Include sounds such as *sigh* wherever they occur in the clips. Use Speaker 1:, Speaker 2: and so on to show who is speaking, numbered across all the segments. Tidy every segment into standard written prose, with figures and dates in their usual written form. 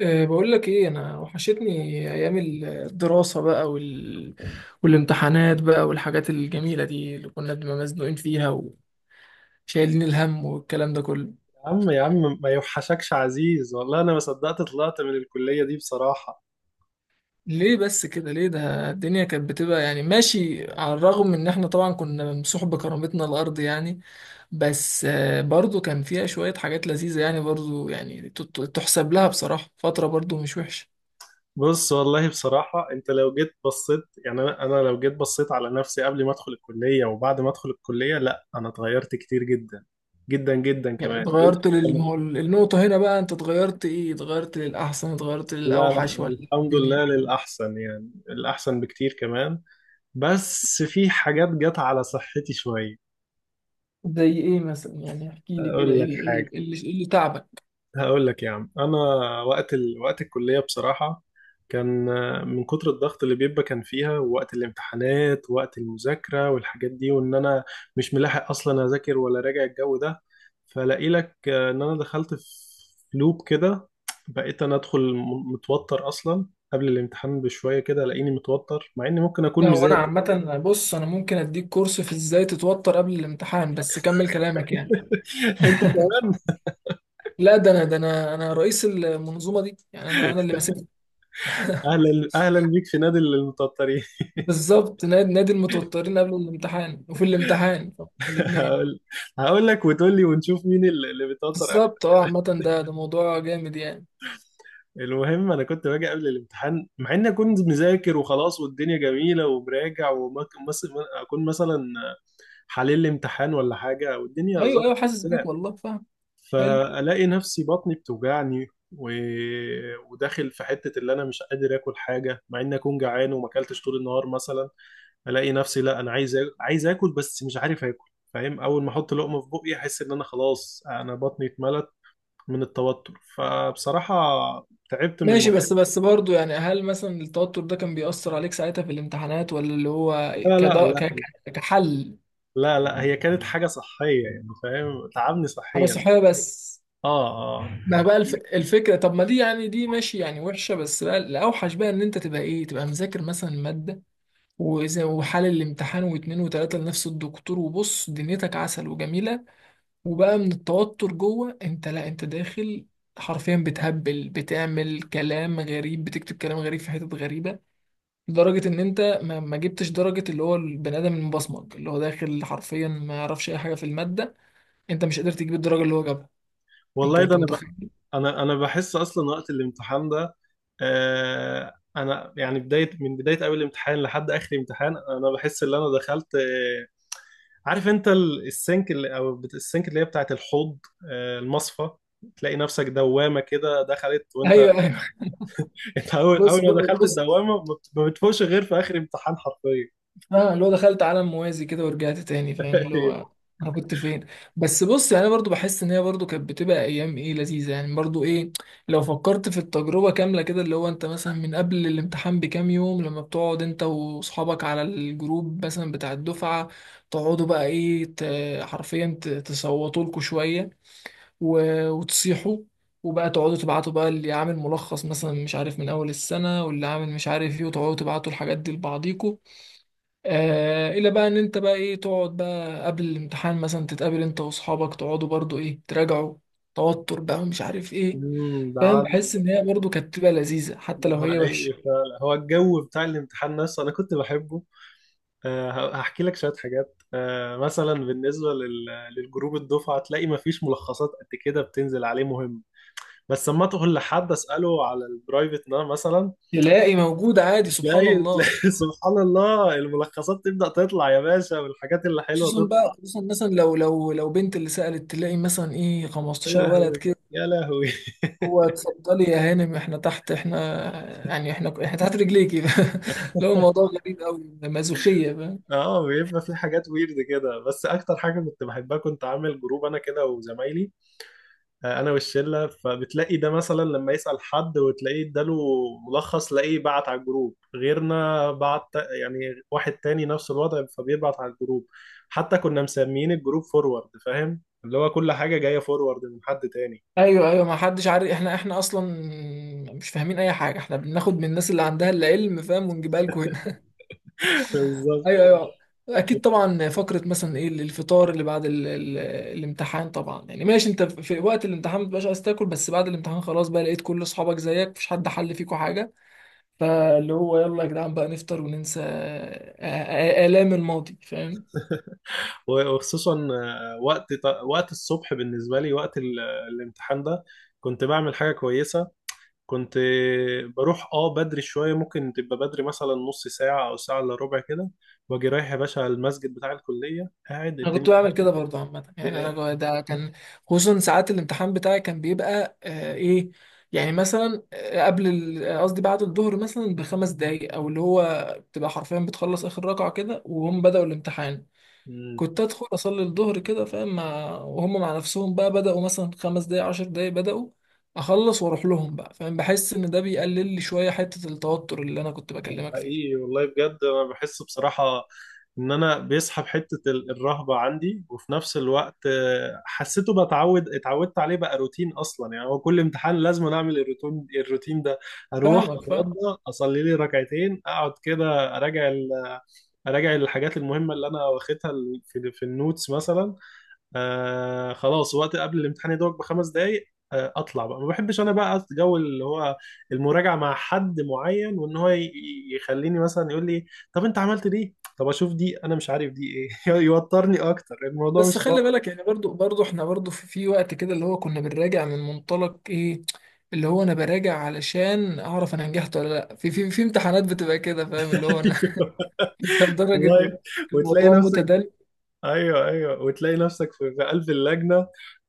Speaker 1: بقول لك ايه، انا وحشتني ايام الدراسة بقى والامتحانات بقى والحاجات الجميلة دي اللي كنا بنبقى مزنوقين فيها وشايلين الهم والكلام ده كله.
Speaker 2: يا عم يا عم، ما يوحشكش عزيز، والله انا ما صدقت طلعت من الكلية دي بصراحة.
Speaker 1: ليه بس كده؟ ليه؟ ده الدنيا كانت بتبقى يعني ماشي، على الرغم من ان احنا طبعا كنا ممسوح بكرامتنا الارض يعني. بس برضو كان فيها شوية حاجات لذيذة، يعني برضو يعني تحسب لها بصراحة، فترة برضو مش وحشة.
Speaker 2: بص، والله بصراحة انت لو جيت بصيت، يعني انا لو جيت بصيت على نفسي قبل ما ادخل الكلية وبعد ما ادخل الكلية، لا انا اتغيرت كتير جدا جدا جدا
Speaker 1: يعني
Speaker 2: كمان.
Speaker 1: اتغيرت ما هو النقطة هنا بقى، انت اتغيرت ايه؟ اتغيرت للأحسن، اتغيرت
Speaker 2: لا
Speaker 1: للأوحش،
Speaker 2: لا،
Speaker 1: ولا؟
Speaker 2: الحمد
Speaker 1: الدنيا...
Speaker 2: لله للأحسن، يعني الأحسن بكتير كمان. بس في حاجات جت على صحتي شوية.
Speaker 1: زي ايه مثلا يعني؟ احكي لي كده،
Speaker 2: أقول
Speaker 1: ايه
Speaker 2: لك
Speaker 1: اللي,
Speaker 2: حاجة،
Speaker 1: إيه اللي إيه اللي تعبك؟
Speaker 2: هقول لك يا عم انا. وقت الكليه بصراحه كان، من كتر الضغط اللي بيبقى كان فيها ووقت الامتحانات ووقت المذاكره والحاجات دي، وان انا مش ملاحق اصلا اذاكر ولا راجع الجو ده. فلاقي لك ان انا دخلت في لوب كده. بقيت انا ادخل متوتر اصلا، قبل الامتحان بشويه كده الاقيني متوتر مع اني ممكن اكون
Speaker 1: لا هو انا
Speaker 2: مذاكر.
Speaker 1: عامة، بص، انا ممكن اديك كورس في ازاي تتوتر قبل الامتحان، بس كمل كلامك يعني.
Speaker 2: *laughs* انت
Speaker 1: *laughs*
Speaker 2: كمان.
Speaker 1: لا ده انا رئيس المنظومة دي، يعني انا اللي ماسك.
Speaker 2: اهلا اهلا بيك في نادي المتوترين.
Speaker 1: بالظبط، نادي المتوترين قبل الامتحان وفي الامتحان،
Speaker 2: *laughs*
Speaker 1: الاثنين.
Speaker 2: هقول هقول لك وتقول لي ونشوف مين اللي بيتوتر.
Speaker 1: بالظبط. اه، عامة ده موضوع جامد يعني.
Speaker 2: المهم انا كنت باجي قبل الامتحان مع اني كنت مذاكر وخلاص، والدنيا جميله ومراجع، واكون مثلا اكون مثلا حليل الامتحان ولا حاجه والدنيا
Speaker 1: ايوه
Speaker 2: ظبطت
Speaker 1: ايوه، حاسس بيك
Speaker 2: كده.
Speaker 1: والله، فاهم. حلو.
Speaker 2: فالاقي نفسي بطني بتوجعني و... وداخل في حته اللي انا مش قادر اكل حاجه، مع اني اكون جعان وما اكلتش طول النهار مثلا. الاقي نفسي لا انا عايز عايز اكل، بس مش عارف اكل، فاهم؟ اول ما احط لقمه في بقي احس ان انا خلاص، انا بطني اتملت من التوتر، فبصراحه تعبت من
Speaker 1: ماشي.
Speaker 2: الموضوع.
Speaker 1: بس برضه، يعني هل مثلا التوتر ده كان بيأثر عليك ساعتها في الامتحانات، ولا اللي هو
Speaker 2: لا لا لا.
Speaker 1: كحل؟
Speaker 2: لا لا، هي كانت حاجة صحية، يعني فاهم تعبني
Speaker 1: حاجة
Speaker 2: صحيا.
Speaker 1: صحية بس.
Speaker 2: اه، اه.
Speaker 1: ما بقى الفكرة. طب ما دي يعني، دي ماشي، يعني وحشة، بس بقى الأوحش بقى إن أنت تبقى إيه، تبقى مذاكر مثلا مادة، وزي وحل الامتحان واتنين وتلاتة لنفس الدكتور، وبص دنيتك عسل وجميلة، وبقى من التوتر جوه أنت، لا أنت داخل حرفيا بتهبل، بتعمل كلام غريب، بتكتب كلام غريب في حتت غريبة، لدرجة إن أنت ما جبتش درجة اللي هو البني آدم المبصمج، اللي هو داخل حرفيا ما يعرفش أي حاجة في المادة. أنت مش قادر تجيب الدرجة اللي هو جابها أنت
Speaker 2: والله ده
Speaker 1: أنت متخيل؟ *laughs*
Speaker 2: انا بحس اصلا وقت الامتحان ده. انا يعني من بداية اول امتحان لحد اخر امتحان، انا بحس ان انا دخلت، عارف انت السنك اللي او السنك اللي هي بتاعت الحوض. آه، المصفى. تلاقي نفسك دوامة كده دخلت وانت.
Speaker 1: أيوه أيوه.
Speaker 2: *laughs* انت اول
Speaker 1: بص
Speaker 2: اول ما دخلت
Speaker 1: بص،
Speaker 2: الدوامة ما بتفوقش غير في اخر امتحان حرفيا.
Speaker 1: اه اللي هو دخلت عالم موازي كده ورجعت تاني، فاهم،
Speaker 2: *laughs*
Speaker 1: اللي هو
Speaker 2: أيوه.
Speaker 1: انا كنت فين. بس بص، يعني انا برضو بحس ان هي برضو كانت بتبقى ايام ايه لذيذه، يعني برضو ايه. لو فكرت في التجربه كامله كده، اللي هو انت مثلا من قبل الامتحان بكام يوم لما بتقعد انت واصحابك على الجروب مثلا بتاع الدفعه، تقعدوا بقى ايه، حرفيا تصوتوا لكم شويه، وتصيحوا، وبقى تقعدوا تبعتوا بقى اللي عامل ملخص مثلا، مش عارف من اول السنه، واللي عامل مش عارف ايه، وتقعدوا تبعتوا الحاجات دي لبعضيكوا. آه، الى بقى ان انت بقى ايه، تقعد بقى قبل الامتحان مثلا، تتقابل انت واصحابك، تقعدوا برضو ايه، تراجعوا، توتر بقى، ومش عارف ايه.
Speaker 2: أمم، ده
Speaker 1: فاهم؟ بحس ان هي برضو كانت بتبقى لذيذه حتى
Speaker 2: ده
Speaker 1: لو هي وحشه.
Speaker 2: حقيقي فعلا، هو الجو بتاع الامتحان نفسه انا كنت بحبه. هحكي لك شويه حاجات. مثلا بالنسبه للجروب الدفعه، تلاقي ما فيش ملخصات قد كده بتنزل عليه مهم. بس لما تقول لحد اساله على البرايفت ده مثلا
Speaker 1: تلاقي موجود عادي، سبحان
Speaker 2: تلاقي
Speaker 1: الله.
Speaker 2: تلاقي *laughs* سبحان الله، الملخصات تبدا تطلع يا باشا، والحاجات اللي حلوه
Speaker 1: خصوصا
Speaker 2: تطلع.
Speaker 1: بقى، خصوصا مثلا لو لو بنت اللي سألت، تلاقي مثلا ايه
Speaker 2: يا
Speaker 1: 15 ولد
Speaker 2: لهوي،
Speaker 1: كده:
Speaker 2: يا لهوي.
Speaker 1: هو اتفضلي يا هانم، احنا تحت، احنا يعني، احنا تحت رجليكي. *laughs* لو الموضوع
Speaker 2: *laughs*
Speaker 1: غريب قوي، مازوخيه.
Speaker 2: اه، بيبقى في حاجات ويرد كده، بس اكتر حاجه كنت بحبها كنت عامل جروب انا كده وزمايلي، انا والشله، فبتلاقي ده مثلا لما يسال حد وتلاقيه اداله ملخص، تلاقيه بعت على الجروب، غيرنا بعت، يعني واحد تاني نفس الوضع فبيبعت على الجروب. حتى كنا مسميين الجروب فورورد، فاهم؟ اللي هو كل حاجه جايه فورورد من حد تاني.
Speaker 1: ايوه ايوه، ما حدش عارف، احنا اصلا مش فاهمين اي حاجه، احنا بناخد من الناس اللي عندها العلم، فاهم، ونجيبها لكم هنا. *laughs*
Speaker 2: *laughs* بالظبط.
Speaker 1: ايوه ايوه. اكيد طبعا. فقره مثلا ايه، الفطار اللي بعد ال الامتحان. طبعا يعني ماشي، انت في وقت الامتحان ما بتبقاش عايز تاكل، بس بعد الامتحان خلاص بقى، لقيت كل اصحابك زيك، مفيش حد حل فيكوا حاجه، فاللي هو يلا يا جدعان بقى، نفطر وننسى الام الماضي، فاهم.
Speaker 2: وخصوصا وقت الصبح بالنسبه لي، وقت الامتحان ده، كنت بعمل حاجه كويسه. كنت بروح بدري شوية، ممكن تبقى بدري مثلا نص ساعة أو ساعة إلا ربع كده، وأجي رايح يا باشا على المسجد بتاع الكلية قاعد.
Speaker 1: انا كنت بعمل كده برضه، عامه يعني. انا
Speaker 2: الدنيا.
Speaker 1: ده كان خصوصا ساعات الامتحان بتاعي، كان بيبقى آه ايه، يعني مثلا قبل قصدي بعد الظهر مثلا بخمس دقايق، او اللي هو بتبقى حرفيا بتخلص اخر ركعه كده وهم بداوا الامتحان، كنت ادخل اصلي الظهر كده، فاهم، وهم مع نفسهم بقى بداوا مثلا خمس دقايق، عشر دقايق بداوا، اخلص واروح لهم بقى. فاهم؟ بحس ان ده بيقلل لي شويه حته التوتر اللي انا كنت
Speaker 2: ده
Speaker 1: بكلمك فيه.
Speaker 2: حقيقي والله بجد، انا بحس بصراحة ان انا بيسحب حتة الرهبة عندي، وفي نفس الوقت حسيته بتعود، اتعودت عليه بقى روتين اصلا، يعني هو كل امتحان لازم أنا اعمل الروتين ده. اروح
Speaker 1: فاهمك، فاهم.
Speaker 2: اتوضى اصلي لي ركعتين، اقعد كده اراجع اراجع الحاجات المهمة اللي انا واخدها في النوتس مثلا. خلاص وقت قبل الامتحان يدوق بخمس دقايق، اطلع بقى. ما بحبش انا بقى جو اللي هو المراجعه مع حد معين، وان هو يخليني مثلا يقول لي طب انت عملت دي، طب اشوف دي، انا مش عارف دي ايه. *laughs* يوترني اكتر الموضوع،
Speaker 1: بس
Speaker 2: مش
Speaker 1: خلي
Speaker 2: طايق.
Speaker 1: بالك يعني، برضو احنا برضو في وقت كده اللي هو كنا بنراجع من منطلق ايه، اللي هو انا براجع علشان اعرف انا نجحت ولا لا، في في امتحانات بتبقى كده، فاهم، اللي هو انا... *laughs* انت
Speaker 2: *laughs*
Speaker 1: لدرجة
Speaker 2: والله. وتلاقي
Speaker 1: الموضوع
Speaker 2: نفسك،
Speaker 1: متدل.
Speaker 2: ايوه، ايوه، وتلاقي نفسك في قلب اللجنه،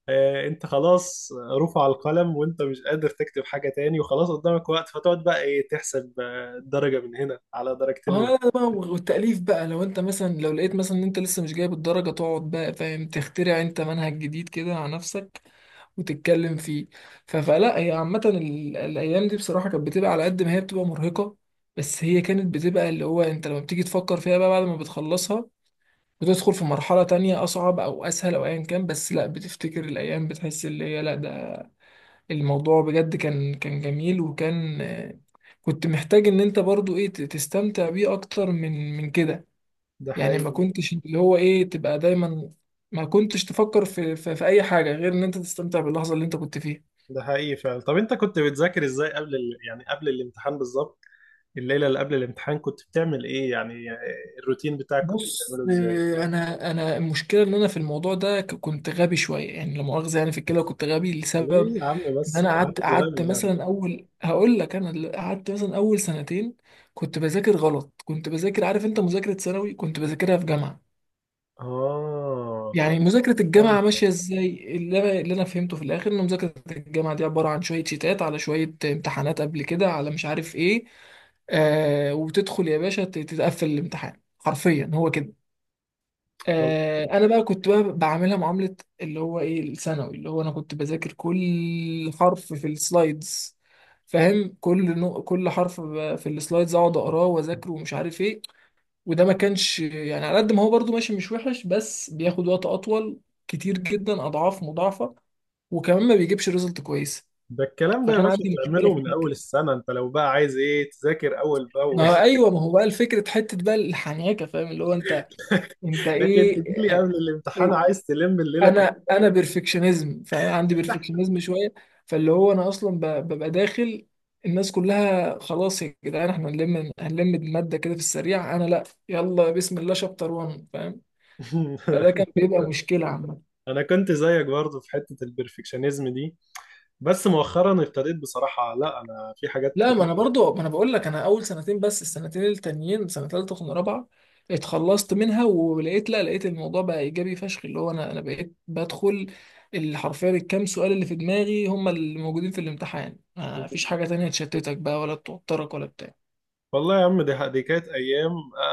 Speaker 2: انت خلاص رفع القلم وانت مش قادر تكتب حاجه تاني، وخلاص قدامك وقت، فتقعد بقى ايه تحسب، درجه من هنا على درجتين من.
Speaker 1: اه لا بقى، والتأليف بقى، لو انت مثلا لو لقيت مثلا ان انت لسه مش جايب الدرجة، تقعد بقى، فاهم، تخترع انت منهج جديد كده على نفسك وتتكلم فيه. فلا، هي عامة الأيام دي بصراحة كانت بتبقى على قد ما هي بتبقى مرهقة، بس هي كانت بتبقى اللي هو أنت لما بتيجي تفكر فيها بقى بعد ما بتخلصها، بتدخل في مرحلة تانية أصعب أو أسهل أو أيا كان، بس لا، بتفتكر الأيام بتحس اللي هي لا، ده الموضوع بجد كان كان جميل، وكان كنت محتاج إن أنت برضو إيه تستمتع بيه أكتر من كده.
Speaker 2: ده
Speaker 1: يعني
Speaker 2: حقيقي
Speaker 1: ما كنتش اللي هو إيه تبقى دايما، ما كنتش تفكر في أي حاجة غير إن أنت تستمتع باللحظة اللي أنت كنت فيها.
Speaker 2: ده حقيقي فعلا. طب انت كنت بتذاكر ازاي يعني قبل الامتحان بالظبط؟ الليله اللي قبل الامتحان كنت بتعمل ايه يعني؟ الروتين بتاعك كنت
Speaker 1: بص،
Speaker 2: بتعمله ازاي؟
Speaker 1: انا المشكله ان انا في الموضوع ده كنت غبي شويه يعني، لا مؤاخذه يعني، في الكلى كنت غبي لسبب
Speaker 2: ليه يا عم
Speaker 1: ان
Speaker 2: بس،
Speaker 1: انا قعدت
Speaker 2: محدش
Speaker 1: قعدت
Speaker 2: غبي يعني.
Speaker 1: مثلا اول، هقول لك، انا اللي قعدت مثلا اول سنتين كنت بذاكر غلط، كنت بذاكر، عارف انت مذاكره ثانوي، كنت بذاكرها في جامعه،
Speaker 2: اه،
Speaker 1: يعني مذاكره الجامعه
Speaker 2: فهمت.
Speaker 1: ماشيه ازاي. اللي انا فهمته في الاخر ان مذاكره الجامعه دي عباره عن شويه شيتات على شويه امتحانات قبل كده، على مش عارف ايه. آه، وبتدخل يا باشا تتقفل الامتحان، حرفيا هو كده.
Speaker 2: والله.
Speaker 1: انا بقى كنت بقى بعملها معاملة اللي هو ايه الثانوي، اللي هو انا كنت بذاكر كل حرف في السلايدز، فاهم، كل كل حرف في السلايدز، اقعد اقراه واذاكره ومش عارف ايه. وده ما كانش يعني، على قد ما هو برضو ماشي مش وحش، بس بياخد وقت اطول، كتير جدا، اضعاف مضاعفة، وكمان ما بيجيبش ريزلت كويسة.
Speaker 2: ده الكلام ده يا
Speaker 1: فكان
Speaker 2: باشا
Speaker 1: عندي مشكلة
Speaker 2: تعمله
Speaker 1: في
Speaker 2: من
Speaker 1: الحتة
Speaker 2: اول
Speaker 1: دي.
Speaker 2: السنه، انت لو بقى عايز ايه تذاكر اول باول.
Speaker 1: ما هو ايوه، ما هو بقى الفكرة، حتة بقى الحنيكة، فاهم، اللي هو انت،
Speaker 2: *laughs*
Speaker 1: انت
Speaker 2: لكن
Speaker 1: ايه،
Speaker 2: تجيلي
Speaker 1: آه،
Speaker 2: قبل الامتحان عايز تلم الليله
Speaker 1: انا بيرفكشنزم، فعندي
Speaker 2: كلها.
Speaker 1: بيرفكشنزم شويه، فاللي هو انا اصلا ببقى داخل، الناس كلها خلاص يا جدعان احنا هنلم الماده كده في السريع، انا لا، يلا بسم الله شابتر 1، فاهم. فده كان
Speaker 2: *laughs*
Speaker 1: بيبقى مشكله عامه.
Speaker 2: انا كنت زيك برضو في حته البرفكشنزم دي. بس مؤخرا ابتديت بصراحه، لا انا في حاجات
Speaker 1: لا، ما
Speaker 2: كتير.
Speaker 1: انا برضو، ما انا بقول لك انا اول سنتين بس، السنتين التانيين سنه ثالثه وسنه رابعه، اتخلصت منها ولقيت، لا لقيت الموضوع بقى ايجابي فشخ، اللي هو انا بقيت بدخل اللي حرفيا الكام سؤال اللي في دماغي هم اللي موجودين في الامتحان، ما فيش حاجه تانية تشتتك بقى، ولا توترك، ولا بتاع.
Speaker 2: والله يا عم، دي كانت ايام.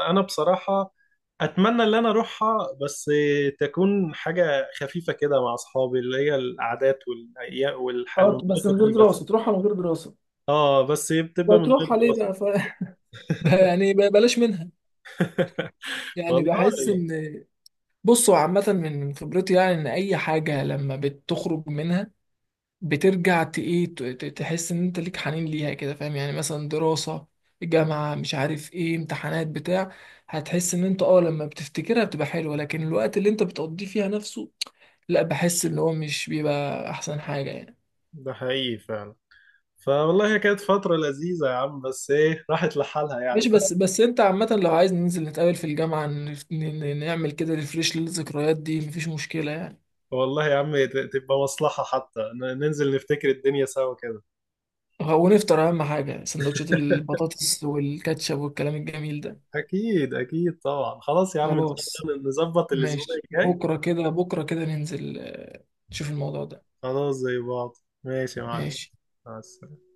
Speaker 2: انا بصراحه اتمنى ان انا اروحها، بس تكون حاجه خفيفه كده مع اصحابي، اللي هي القعدات والايام
Speaker 1: اه،
Speaker 2: والحلويات
Speaker 1: بس من غير
Speaker 2: دي بس.
Speaker 1: دراسة تروحها، من غير دراسة.
Speaker 2: اه، بس بتبقى من غير
Speaker 1: بتروح عليه
Speaker 2: دراسه.
Speaker 1: بقى ف... *laughs* بقى يعني بقى بلاش منها.
Speaker 2: *laughs*
Speaker 1: يعني
Speaker 2: والله
Speaker 1: بحس ان... بصوا عامة من خبرتي، يعني ان اي حاجة لما بتخرج منها، بترجع تحس ان انت ليك حنين ليها كده، فاهم، يعني مثلا دراسة جامعة، مش عارف ايه، امتحانات بتاع، هتحس ان انت اه لما بتفتكرها بتبقى حلوة، لكن الوقت اللي انت بتقضيه فيها نفسه، لا، بحس ان هو مش بيبقى احسن حاجة يعني.
Speaker 2: ده حقيقي فعلا. فوالله هي كانت فتره لذيذه يا عم، بس ايه راحت لحالها يعني
Speaker 1: مش بس، بس انت عامة لو عايز ننزل نتقابل في الجامعة، نعمل كده ريفريش للذكريات دي، مفيش مشكلة يعني.
Speaker 2: والله يا عم، تبقى مصلحه حتى، ننزل نفتكر الدنيا سوا كده.
Speaker 1: ونفطر، اهم حاجة، سندوتشات
Speaker 2: *laughs*
Speaker 1: البطاطس والكاتشب والكلام الجميل ده.
Speaker 2: اكيد اكيد طبعا. خلاص يا عم، ان شاء
Speaker 1: خلاص.
Speaker 2: الله نظبط الاسبوع
Speaker 1: ماشي.
Speaker 2: الجاي.
Speaker 1: بكرة كده، بكرة كده ننزل نشوف الموضوع ده.
Speaker 2: خلاص زي بعض. ماشي يا معلم،
Speaker 1: ماشي.
Speaker 2: مع السلامة.